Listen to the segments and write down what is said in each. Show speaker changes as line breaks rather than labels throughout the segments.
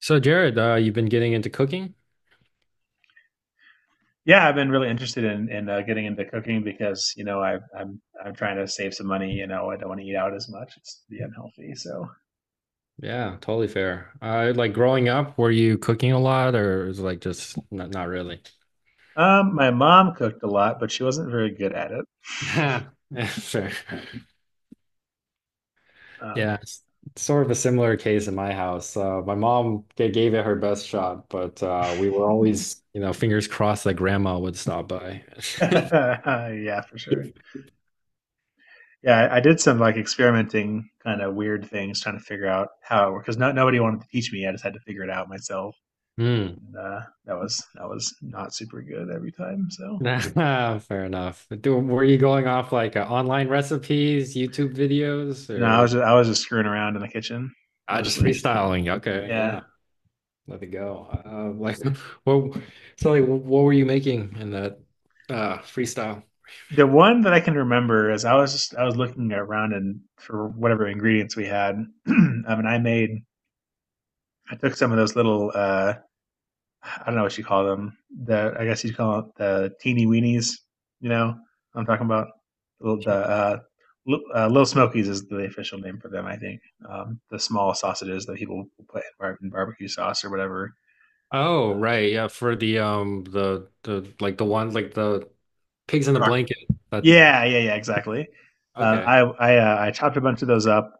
So Jared, you've been getting into cooking?
Yeah, I've been really interested in getting into cooking because you know I'm trying to save some money. You know, I don't want to eat out as much; it's be unhealthy.
Yeah, totally fair. Like growing up, were you cooking a lot, or is it like just not really?
My mom cooked a lot, but she wasn't very good at it.
Yeah, fair.
Um,
Yeah, it's sort of a similar case in my house. My mom gave it her best shot, but we were always, you know, fingers crossed that grandma would stop by.
yeah, for sure. Yeah, I did some like experimenting, kind of weird things, trying to figure out how it worked because no, nobody wanted to teach me. I just had to figure it out myself.
Hmm.
And, uh, that was not super good every time. So
Fair enough. Were you going off like online recipes, YouTube videos,
no,
or
I was just screwing around in the kitchen
I just
mostly.
freestyling? Okay,
Yeah.
yeah. Let it go. What? So, like, what were you making in that freestyle?
The one that I can remember is I was looking around and for whatever ingredients we had. And I made I took some of those little I don't know what you call them. The I guess you'd call it the teeny weenies. You know what I'm talking about. Little- the Little smokies is the official name for them, I think. Um, the small sausages that people put in barbecue sauce or whatever.
Oh,
Uh,
right. Yeah, for the like the one like the pigs in the
croc-
blanket. That
yeah, yeah, yeah, exactly.
okay.
I chopped a bunch of those up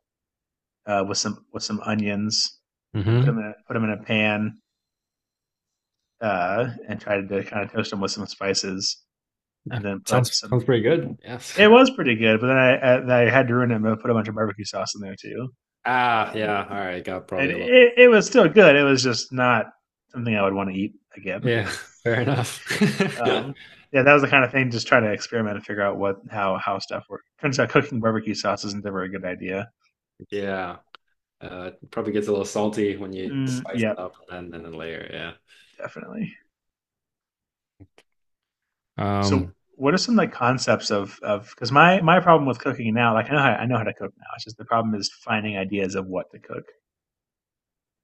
with some onions and
Mm-hmm.
put 'em in a pan, and tried to kind of toast them with some spices
Yeah.
and then put
Sounds
some.
pretty good. Yes.
It was pretty good, but then I had to ruin it and put a bunch of barbecue sauce in there too.
Ah,
Um,
yeah. All right. Got
and
probably a little.
it, it was still good. It was just not something I would want to eat again.
Yeah. Fair enough.
Um, yeah, that was the kind of thing. Just trying to experiment and figure out what how stuff works. Turns out cooking barbecue sauce isn't ever a good idea.
Yeah. It probably gets a little salty when you spice it
Yep,
up and then layer.
yeah, definitely.
Yeah.
So, what are some like concepts of because my problem with cooking now, like I know how to cook now. It's just the problem is finding ideas of what to cook.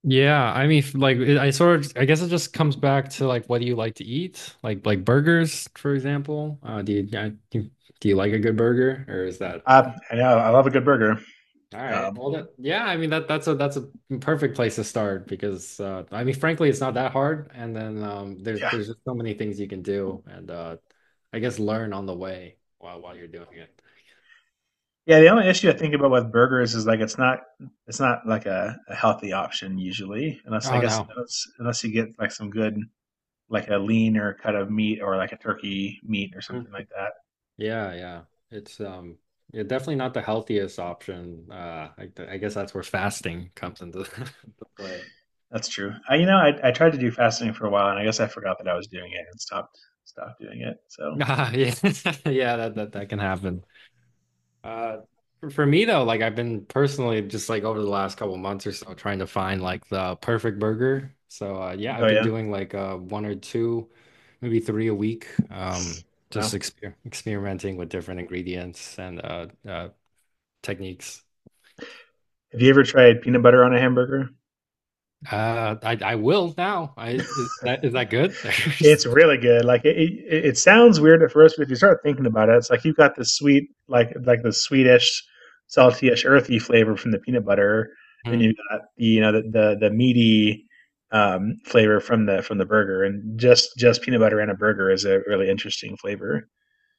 Yeah, I mean, like I sort of, I guess it just comes back to like what do you like to eat? Like burgers, for example. Do you like a good burger, or is that
I know I love a good burger.
all right?
Um,
Well, that, yeah, I mean that that's a perfect place to start because I mean, frankly, it's not that hard, and then there's
yeah,
there's just so many things you can do, and I guess learn on the way while you're doing it.
yeah. The only issue I think about with burgers is it's not like a healthy option usually, unless I
Oh
guess
no.
unless, unless you get like some good like a lean or cut of meat or like a turkey meat or something like that.
Yeah, yeah. It's yeah, definitely not the healthiest option. I guess that's where fasting comes into into play.
That's true. I You know I tried to do fasting for a while and I guess I forgot that I was doing it and stopped doing it. So
Ah, yeah. Yeah, that, that can happen. Uh for me though, like I've been personally just like over the last couple months or so trying to find like the perfect burger. So yeah, I've
oh
been
yeah.
doing like one or two, maybe three a week. Just
Wow.
experimenting with different ingredients and techniques.
Have you ever tried peanut butter on a hamburger?
I will now. I Is that good?
It's really good. Like it sounds weird at first, but if you start thinking about it, it's like you've got the sweet, like the sweetish, saltyish, earthy flavor from the peanut butter, and
Mhm.
you've got the you know the meaty flavor from the burger. And just peanut butter and a burger is a really interesting flavor.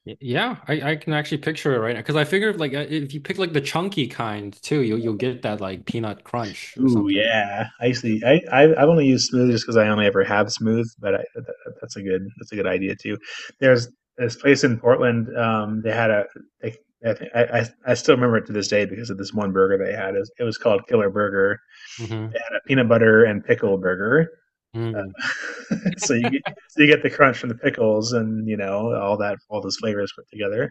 Yeah, I can actually picture it right now because I figured like if you pick like the chunky kind too, you'll get that like peanut crunch or
Ooh,
something.
yeah.
Yeah.
I I've only used Smooth just because I only ever have Smooth, but that's a good idea too. There's this place in Portland. They had a they, I, think- I still remember it to this day because of this one burger they had. It was called Killer Burger,
Mhm.
a peanut butter and pickle burger.
Mm.
Uh, so you get so you get the crunch from the pickles and you know all those flavors put together.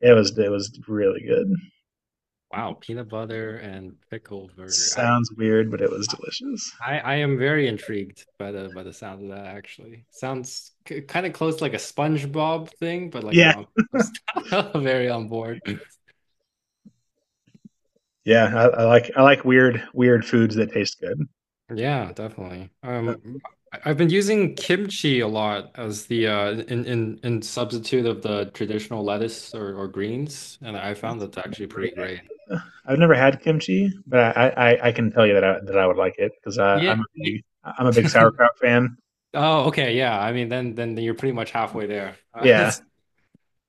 It was really good.
Wow, peanut butter and pickle burger.
Sounds weird, but it was delicious.
I am very intrigued by the sound of that actually. Sounds kind of close to like a SpongeBob thing, but like
Yeah.
I'm, I'm very on board.
Yeah, I like weird foods that taste good.
Yeah, definitely.
Uh,
I've been using kimchi a lot as the in substitute of the traditional lettuce or greens, and I found
That's
that's
a
actually
great
pretty great.
idea. I've never had kimchi, but I can tell you that I would like it because
Yeah, ye-
I'm a big sauerkraut fan.
Oh, okay. Yeah. I mean, then you're pretty much halfway there.
Yeah,
It's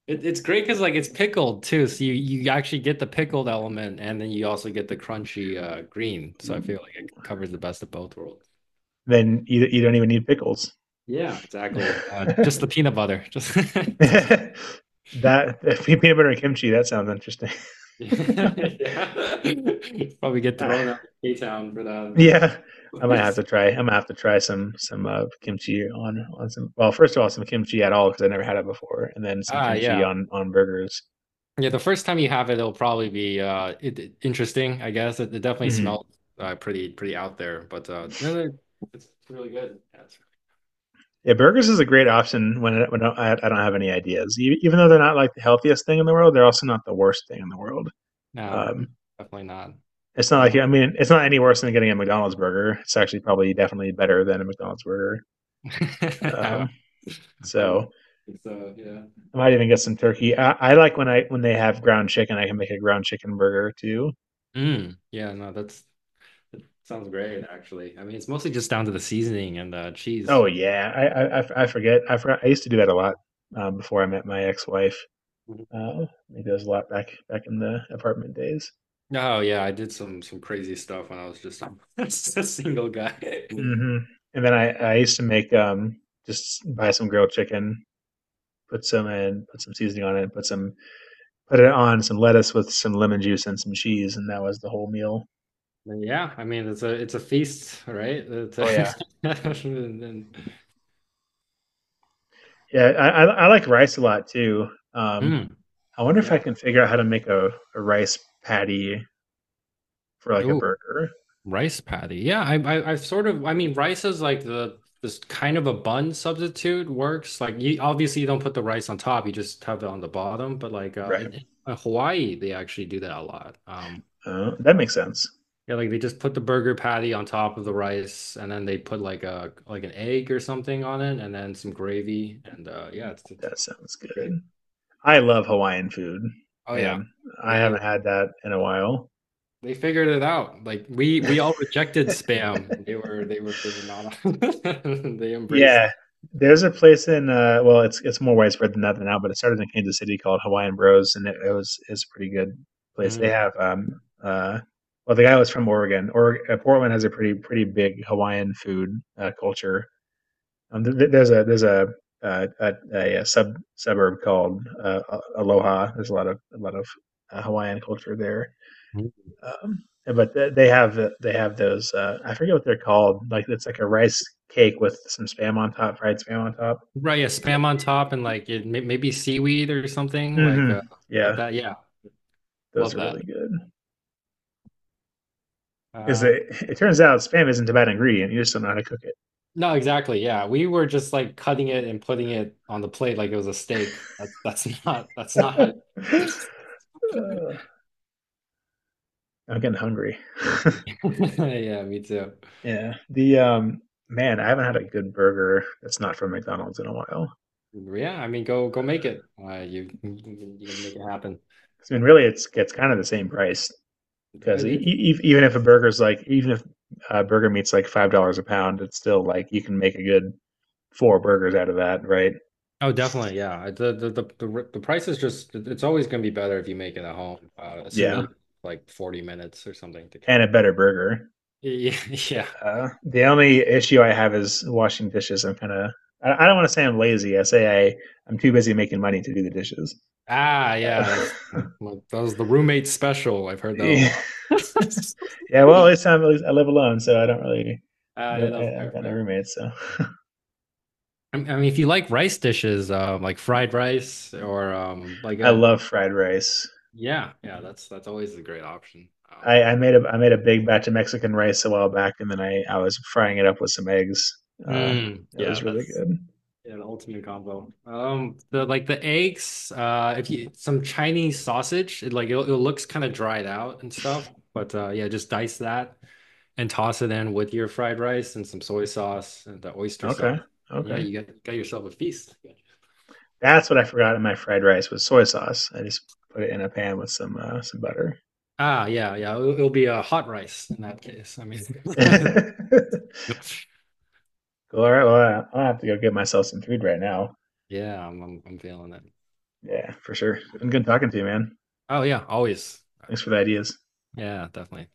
it, it's great because like it's pickled too, so you actually get the pickled element, and then you also get the crunchy green. So I feel like it covers the best of both worlds.
then you don't even need pickles.
Yeah, exactly. Just the peanut butter. Just.
that that peanut butter and kimchi, that sounds interesting.
Yeah. Probably get
Yeah,
thrown out of K-Town for that.
yeah,
Like,
I might have to try some kimchi on some. Well, first of all, some kimchi at all because I never had it before, and then some
ah,
kimchi
yeah.
on burgers.
Yeah, the first time you have it, it'll probably be interesting, I guess. It definitely
Hmm.
smells pretty out there, but no, no, it's really good. Yeah, it's-
Yeah, burgers is a great option when I don't have any ideas. E- Even though they're not like the healthiest thing in the world, they're also not the worst thing in the world.
no,
Um,
definitely not.
it's not
Um,
like it's not any worse than getting a McDonald's burger. It's actually probably definitely better than a McDonald's burger.
I,
Um,
I would
so
think so, yeah.
I might even get some turkey. I like when I when they have ground chicken. I can make a ground chicken burger too.
Mm, yeah, no, that sounds great actually. I mean, it's mostly just down to the seasoning and cheese.
Oh yeah, I f- I forget. I forgot. I used to do that a lot before I met my ex wife. Maybe that was a lot back in the apartment days.
Oh yeah, I did some crazy stuff when I was just, just a single guy.
Hmm. And then I used to make just buy some grilled chicken, put some seasoning on it, put it on some lettuce with some lemon juice and some cheese, and that was the whole meal.
But yeah, I mean it's a feast, right? It's
Oh yeah,
a- and-
yeah. I like rice a lot too. Um,
Hmm,
I wonder if I
yeah.
can figure out how to make a rice patty for like a
Oh,
burger.
rice patty. Yeah, I've sort of I mean rice is like the this kind of a bun substitute works. Like you obviously you don't put the rice on top, you just have it on the bottom. But like
Right.
in Hawaii, they actually do that a lot.
That makes sense.
Yeah, like they just put the burger patty on top of the rice, and then they put like a like an egg or something on it, and then some gravy, and yeah,
That sounds
it's great.
good. I love Hawaiian food,
Oh yeah,
man. I
they
haven't had that in a while.
they figured it out. Like we all rejected spam, and they were not. They embraced.
Yeah, there's a place in it's more widespread than that now, but it started in Kansas City called Hawaiian Bros, and it's a pretty good place. They
Mm.
have the guy was from Oregon. Or Portland has a pretty pretty big Hawaiian food culture. There's a sub suburb called Aloha. There's a lot of Hawaiian culture there. But they have those. I forget what they're called. Like it's like a rice cake with some spam on top, fried spam on top.
Right, yeah, spam on top, and like it, may- maybe seaweed or something
Hmm.
like
Yeah,
that. Yeah,
those
love
are
that.
really good. Because
Uh,
it turns out spam isn't a bad ingredient. You just don't know how to cook
No, exactly. Yeah. We were just like cutting it and putting it on the plate like it was a steak. That's not that's not how
it. Uh, I'm getting hungry.
Yeah, me too.
Yeah. The Man, I haven't had a good burger that's not from McDonald's in a while.
Yeah, I mean go make it. You can make it happen.
'Cause, I mean, really, it's kind of the same price.
I-
Because
It,
even if even if burger meat's like $5 a pound, it's still like you can make a good four burgers out of that, right?
oh, definitely. Yeah. The, the price is just it's always going to be better if you make it at home, assuming
Yeah.
you have, like 40 minutes or something to
And a
kill.
better burger.
Yeah, yeah.
The only issue I have is washing dishes. I'm kind of I don't want to say I'm lazy. I say I I'm too busy making money to do the dishes.
Ah, yeah,
Uh,
that's like, that was the roommate special. I've heard that a
yeah,
lot.
well, this time at least I live alone, so I don't really.
I
No,
love
I have
fair,
got no
fair.
roommates, so
I mean, if you like rice dishes, like fried rice or like
I
a
love fried rice.
yeah, yeah, that's always a great option.
I made a big batch of Mexican rice a while back, and then I was frying it up with some eggs. Uh, that was
Yeah,
really
that's
good.
yeah, the ultimate combo. The like the eggs, if you some Chinese sausage, it like it looks kind of dried out and stuff, but yeah, just dice that and toss it in with your fried rice and some soy sauce and the oyster
Okay,
sauce. Yeah,
okay.
you got yourself a feast.
That's what I forgot in my fried rice was soy sauce. I just put it in a pan with some butter.
Ah, yeah, yeah. It'll be a hot rice in that case. I mean,
Cool. All right. Well, I will have to go get myself some food right now.
yeah, I'm feeling it.
Yeah, for sure. Been good talking to you, man.
Oh yeah, always.
Thanks for the ideas.
Yeah, definitely.